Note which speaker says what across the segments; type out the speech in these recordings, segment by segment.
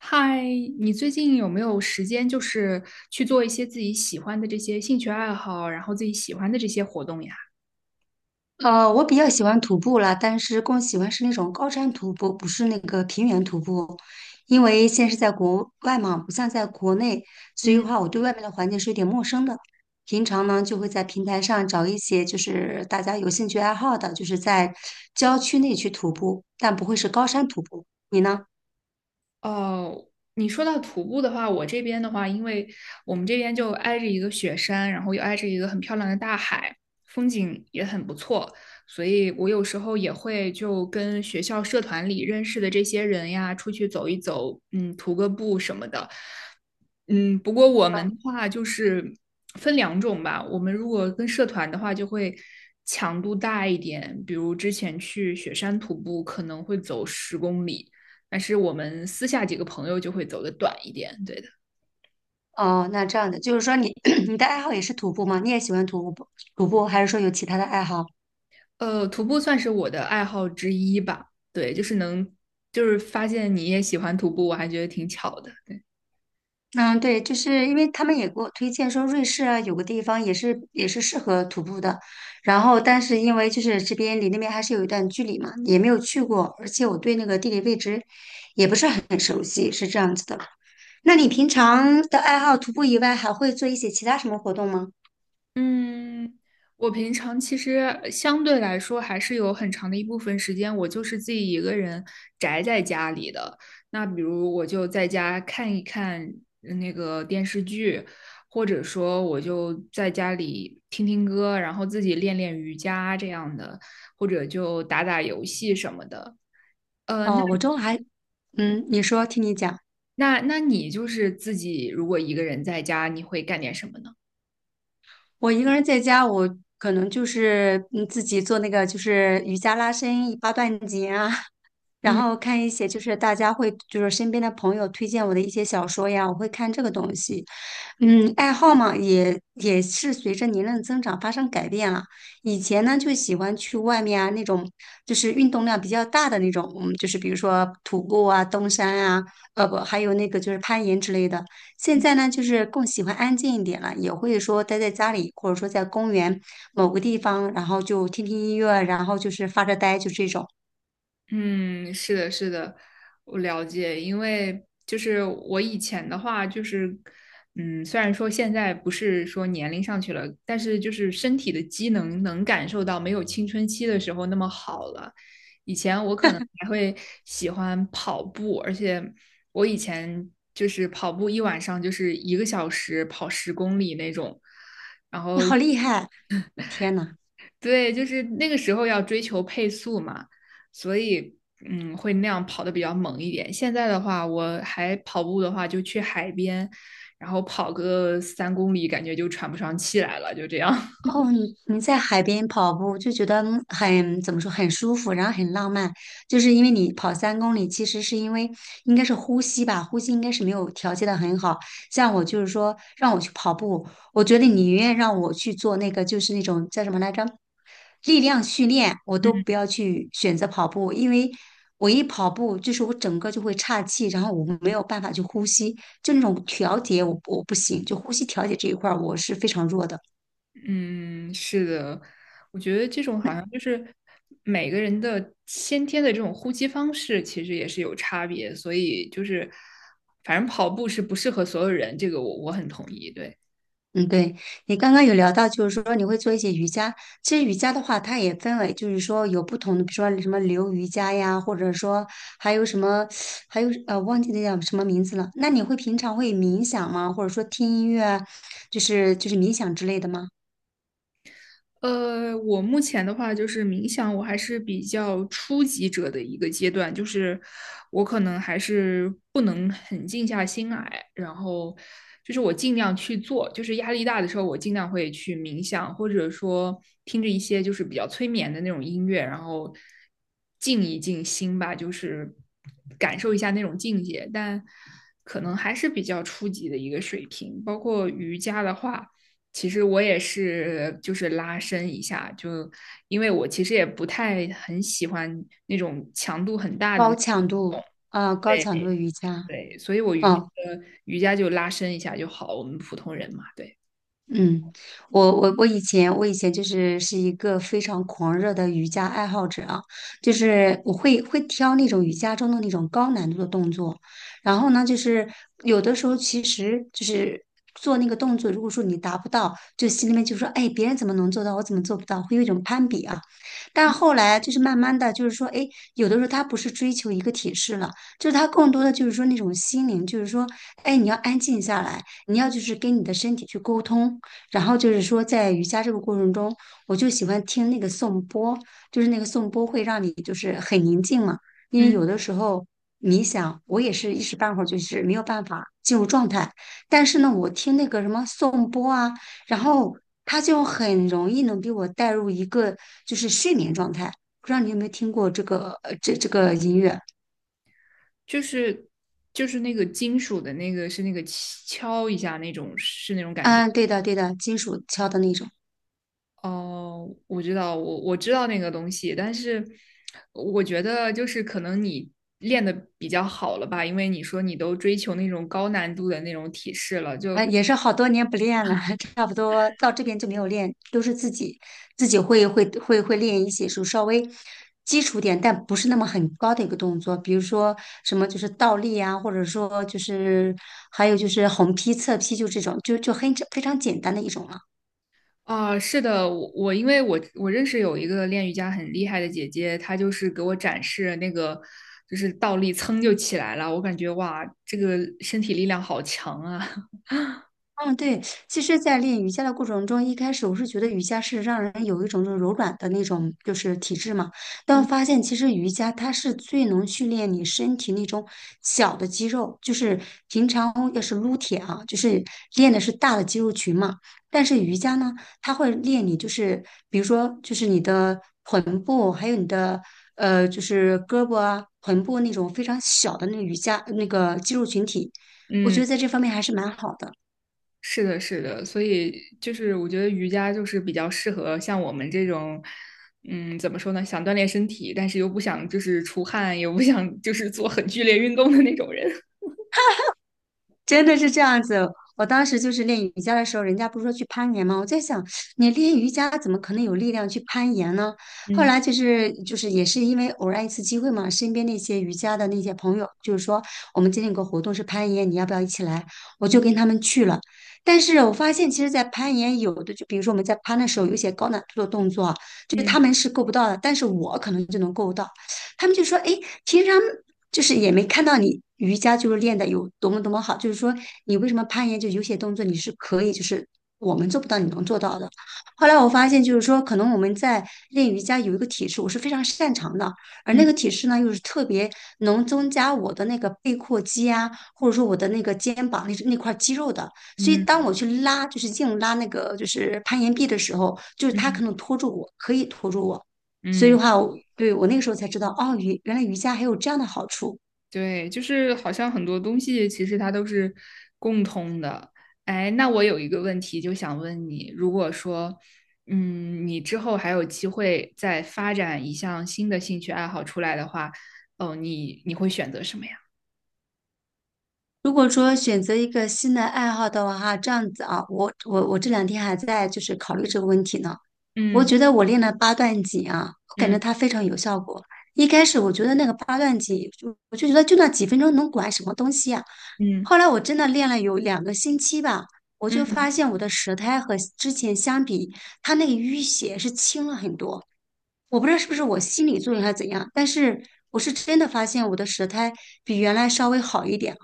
Speaker 1: 嗨，你最近有没有时间，就是去做一些自己喜欢的这些兴趣爱好，然后自己喜欢的这些活动呀？
Speaker 2: 我比较喜欢徒步啦，但是更喜欢是那种高山徒步，不是那个平原徒步。因为现在是在国外嘛，不像在国内，所以的
Speaker 1: 嗯。
Speaker 2: 话，我对外面的环境是有点陌生的。平常呢，就会在平台上找一些就是大家有兴趣爱好的，就是在郊区内去徒步，但不会是高山徒步。你呢？
Speaker 1: 哦，你说到徒步的话，我这边的话，因为我们这边就挨着一个雪山，然后又挨着一个很漂亮的大海，风景也很不错，所以我有时候也会就跟学校社团里认识的这些人呀，出去走一走，嗯，徒个步什么的。嗯，不过我们
Speaker 2: 嗯
Speaker 1: 的话就是分两种吧。我们如果跟社团的话，就会强度大一点。比如之前去雪山徒步，可能会走十公里，但是我们私下几个朋友就会走的短一点。对的。
Speaker 2: 哦，那这样的，就是说你 你的爱好也是徒步吗？你也喜欢徒步，还是说有其他的爱好？
Speaker 1: 徒步算是我的爱好之一吧。对，就是能，就是发现你也喜欢徒步，我还觉得挺巧的。
Speaker 2: 嗯，对，就是因为他们也给我推荐说瑞士啊，有个地方也是适合徒步的，然后但是因为就是这边离那边还是有一段距离嘛，也没有去过，而且我对那个地理位置也不是很熟悉，是这样子的。那你平常的爱好徒步以外，还会做一些其他什么活动吗？
Speaker 1: 嗯，我平常其实相对来说还是有很长的一部分时间，我就是自己一个人宅在家里的。那比如我就在家看一看那个电视剧，或者说我就在家里听听歌，然后自己练练瑜伽这样的，或者就打打游戏什么的。呃，那
Speaker 2: 哦，我周还，嗯，你说，听你讲。
Speaker 1: 那你就是自己如果一个人在家，你会干点什么呢？
Speaker 2: 我一个人在家，我可能就是自己做那个就是瑜伽拉伸、八段锦啊，然
Speaker 1: 嗯。
Speaker 2: 后看一些就是大家会就是身边的朋友推荐我的一些小说呀，我会看这个东西。嗯，爱好嘛，也是随着年龄的增长发生改变了。以前呢就喜欢去外面啊那种就是运动量比较大的那种，嗯，就是比如说徒步啊、登山啊，呃不，还有那个就是攀岩之类的。现在呢就是更喜欢安静一点了，也会说待在家里或者说在公园某个地方，然后就听听音乐，然后就是发着呆，就这种。
Speaker 1: 嗯，是的，是的，我了解。因为就是我以前的话，就是虽然说现在不是说年龄上去了，但是就是身体的机能能感受到没有青春期的时候那么好了。以前我可能还会喜欢跑步，而且我以前就是跑步一晚上就是一个小时跑十公里那种，然
Speaker 2: 你
Speaker 1: 后
Speaker 2: 好厉害！天呐，
Speaker 1: 对，就是那个时候要追求配速嘛，所以会那样跑的比较猛一点。现在的话，我还跑步的话，就去海边，然后跑个3公里，感觉就喘不上气来了，就这样。
Speaker 2: 哦，你你在海边跑步就觉得很，怎么说，很舒服，然后很浪漫，就是因为你跑3公里，其实是因为应该是呼吸吧，呼吸应该是没有调节的很好。像我就是说让我去跑步，我觉得你宁愿让我去做那个就是那种叫什么来着，力量训练，我都不
Speaker 1: 嗯
Speaker 2: 要去选择跑步，因为我一跑步就是我整个就会岔气，然后我没有办法去呼吸，就那种调节我不行，就呼吸调节这一块儿我是非常弱的。
Speaker 1: 嗯，是的，我觉得这种好像就是每个人的先天的这种呼吸方式，其实也是有差别，所以就是反正跑步是不适合所有人，这个我很同意，对。
Speaker 2: 嗯，对，你刚刚有聊到，就是说你会做一些瑜伽。其实瑜伽的话，它也分为，就是说有不同的，比如说什么流瑜伽呀，或者说还有什么，还有忘记那叫什么名字了。那你会平常会冥想吗？或者说听音乐啊，就是冥想之类的吗？
Speaker 1: 我目前的话就是冥想，我还是比较初级者的一个阶段，就是我可能还是不能很静下心来，然后就是我尽量去做，就是压力大的时候，我尽量会去冥想，或者说听着一些就是比较催眠的那种音乐，然后静一静心吧，就是感受一下那种境界，但可能还是比较初级的一个水平，包括瑜伽的话。其实我也是，就是拉伸一下，就因为我其实也不太很喜欢那种强度很大的那
Speaker 2: 高强
Speaker 1: 种。
Speaker 2: 度啊，高强度
Speaker 1: 对
Speaker 2: 的瑜伽，
Speaker 1: 对，所以我瑜
Speaker 2: 嗯。
Speaker 1: 呃瑜伽就拉伸一下就好，我们普通人嘛，对，
Speaker 2: 嗯，我我以前就是是一个非常狂热的瑜伽爱好者啊，就是我会挑那种瑜伽中的那种高难度的动作，然后呢，就是有的时候其实就是做那个动作，如果说你达不到，就心里面就说，哎，别人怎么能做到，我怎么做不到，会有一种攀比啊。但后来就是慢慢的，就是说，哎，有的时候他不是追求一个体式了，就是他更多的就是说那种心灵，就是说，哎，你要安静下来。你要就是跟你的身体去沟通，然后就是说，在瑜伽这个过程中，我就喜欢听那个颂钵，就是那个颂钵会让你就是很宁静嘛。因为
Speaker 1: 嗯，
Speaker 2: 有的时候冥想，我也是一时半会儿就是没有办法进入状态。但是呢，我听那个什么颂钵啊，然后它就很容易能给我带入一个就是睡眠状态。不知道你有没有听过这个这个音乐？
Speaker 1: 就是就是那个金属的那个是那个敲一下那种是那种感觉。
Speaker 2: 嗯，对的，金属敲的那种。
Speaker 1: 哦，我知道，我知道那个东西，但是我觉得就是可能你练的比较好了吧，因为你说你都追求那种高难度的那种体式了，就
Speaker 2: 也是好多年不练了，差不多到这边就没有练，都是自己会练一些，就稍微基础点，但不是那么很高的一个动作，比如说什么就是倒立啊，或者说就是还有就是横劈、侧劈，就这种，就很非常简单的一种了。
Speaker 1: 啊，是的，我因为我认识有一个练瑜伽很厉害的姐姐，她就是给我展示那个就是倒立噌就起来了，我感觉哇，这个身体力量好强啊。
Speaker 2: 嗯，对，其实，在练瑜伽的过程中，一开始我是觉得瑜伽是让人有一种就是柔软的那种就是体质嘛，但我
Speaker 1: 嗯。
Speaker 2: 发现其实瑜伽它是最能训练你身体那种小的肌肉，就是平常要是撸铁啊，就是练的是大的肌肉群嘛，但是瑜伽呢，它会练你就是比如说就是你的臀部，还有你的就是胳膊啊、臀部那种非常小的那个瑜伽那个肌肉群体，我觉
Speaker 1: 嗯。
Speaker 2: 得在这方面还是蛮好的。
Speaker 1: 是的，是的，所以就是我觉得瑜伽就是比较适合像我们这种，嗯，怎么说呢，想锻炼身体，但是又不想就是出汗，又不想就是做很剧烈运动的那种人。
Speaker 2: 真的是这样子。我当时就是练瑜伽的时候，人家不是说去攀岩吗？我在想，你练瑜伽怎么可能有力量去攀岩呢？后
Speaker 1: 嗯
Speaker 2: 来就是也是因为偶然一次机会嘛，身边那些瑜伽的那些朋友，就是说我们今天有个活动是攀岩，你要不要一起来？我就
Speaker 1: 嗯
Speaker 2: 跟他们去了。但是我发现，其实，在攀岩有的就比如说我们在攀的时候，有一些高难度的动作啊，就他
Speaker 1: 嗯
Speaker 2: 们是够不到的，但是我可能就能够到。他们就说：“哎，平常。”就是也没看到你瑜伽就是练的有多么多么好，就是说你为什么攀岩就有些动作你是可以，就是我们做不到你能做到的。后来我发现就是说，可能我们在练瑜伽有一个体式我是非常擅长的，而那个
Speaker 1: 嗯
Speaker 2: 体式呢又是特别能增加我的那个背阔肌啊，或者说我的那个肩膀那块肌肉的。所以当
Speaker 1: 嗯。
Speaker 2: 我去拉就是硬拉那个就是攀岩壁的时候，就是
Speaker 1: 嗯
Speaker 2: 它可
Speaker 1: 嗯
Speaker 2: 能拖住我，可以拖住我。所以的
Speaker 1: 嗯。
Speaker 2: 话，我那个时候才知道，哦，原来瑜伽还有这样的好处。
Speaker 1: 对，就是好像很多东西其实它都是共通的。哎，那我有一个问题就想问你，如果说，你之后还有机会再发展一项新的兴趣爱好出来的话，哦，你会选择什么呀？
Speaker 2: 如果说选择一个新的爱好的话，哈，这样子啊，我这两天还在就是考虑这个问题呢。我
Speaker 1: 嗯
Speaker 2: 觉得我练了八段锦啊，我感觉
Speaker 1: 嗯
Speaker 2: 它非常有效果。一开始我觉得那个八段锦，我就觉得就那几分钟能管什么东西啊？
Speaker 1: 嗯
Speaker 2: 后来我真的练了有2个星期吧，我就
Speaker 1: 嗯，
Speaker 2: 发现我的舌苔和之前相比，它那个淤血是轻了很多。我不知道是不是我心理作用还是怎样，但是我是真的发现我的舌苔比原来稍微好一点。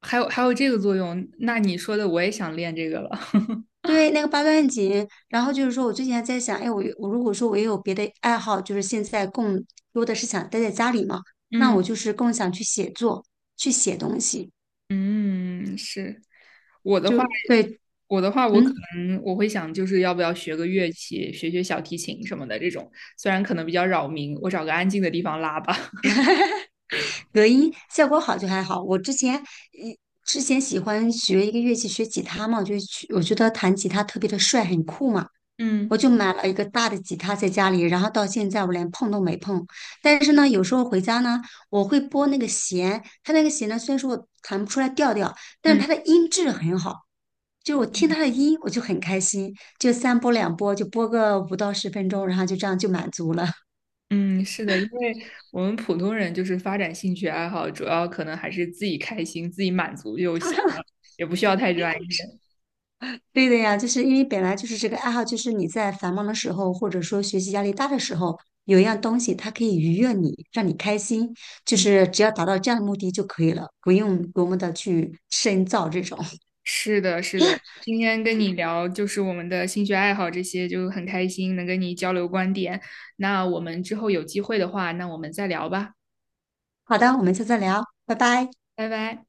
Speaker 1: 还有这个作用，那你说的我也想练这个了。
Speaker 2: 对，那个八段锦，然后就是说我最近还在想，哎，我如果说我也有别的爱好，就是现在更多的是想待在家里嘛，那
Speaker 1: 嗯
Speaker 2: 我就是更想去写作，去写东西，
Speaker 1: 嗯，是。我的
Speaker 2: 就
Speaker 1: 话，
Speaker 2: 对，
Speaker 1: 我可
Speaker 2: 嗯，
Speaker 1: 能会想，就是要不要学个乐器，学学小提琴什么的这种。虽然可能比较扰民，我找个安静的地方拉吧。
Speaker 2: 隔音效果好就还好。我之前，一之前喜欢学一个乐器，学吉他嘛，我就去，我觉得弹吉他特别的帅，很酷嘛。我
Speaker 1: 嗯
Speaker 2: 就买了一个大的吉他在家里，然后到现在我连碰都没碰。但是呢，有时候回家呢，我会拨那个弦，它那个弦呢，虽然说我弹不出来调调，但是
Speaker 1: 嗯
Speaker 2: 它的音质很好，就是我听它的音我就很开心，就三拨两拨就拨个5到10分钟，然后就这样就满足了。
Speaker 1: 嗯，是的，因为我们普通人就是发展兴趣爱好，主要可能还是自己开心、自己满足就行了，也不需要太专业。
Speaker 2: 对的呀，就是因为本来就是这个爱好，就是你在繁忙的时候，或者说学习压力大的时候，有一样东西它可以愉悦你，让你开心，就
Speaker 1: 嗯，
Speaker 2: 是只要达到这样的目的就可以了，不用多么的去深造这种。
Speaker 1: 是的，是的。今天跟你聊就是我们的兴趣爱好这些，就很开心能跟你交流观点。那我们之后有机会的话，那我们再聊吧，
Speaker 2: 好的，我们下次再聊，拜拜。
Speaker 1: 拜拜。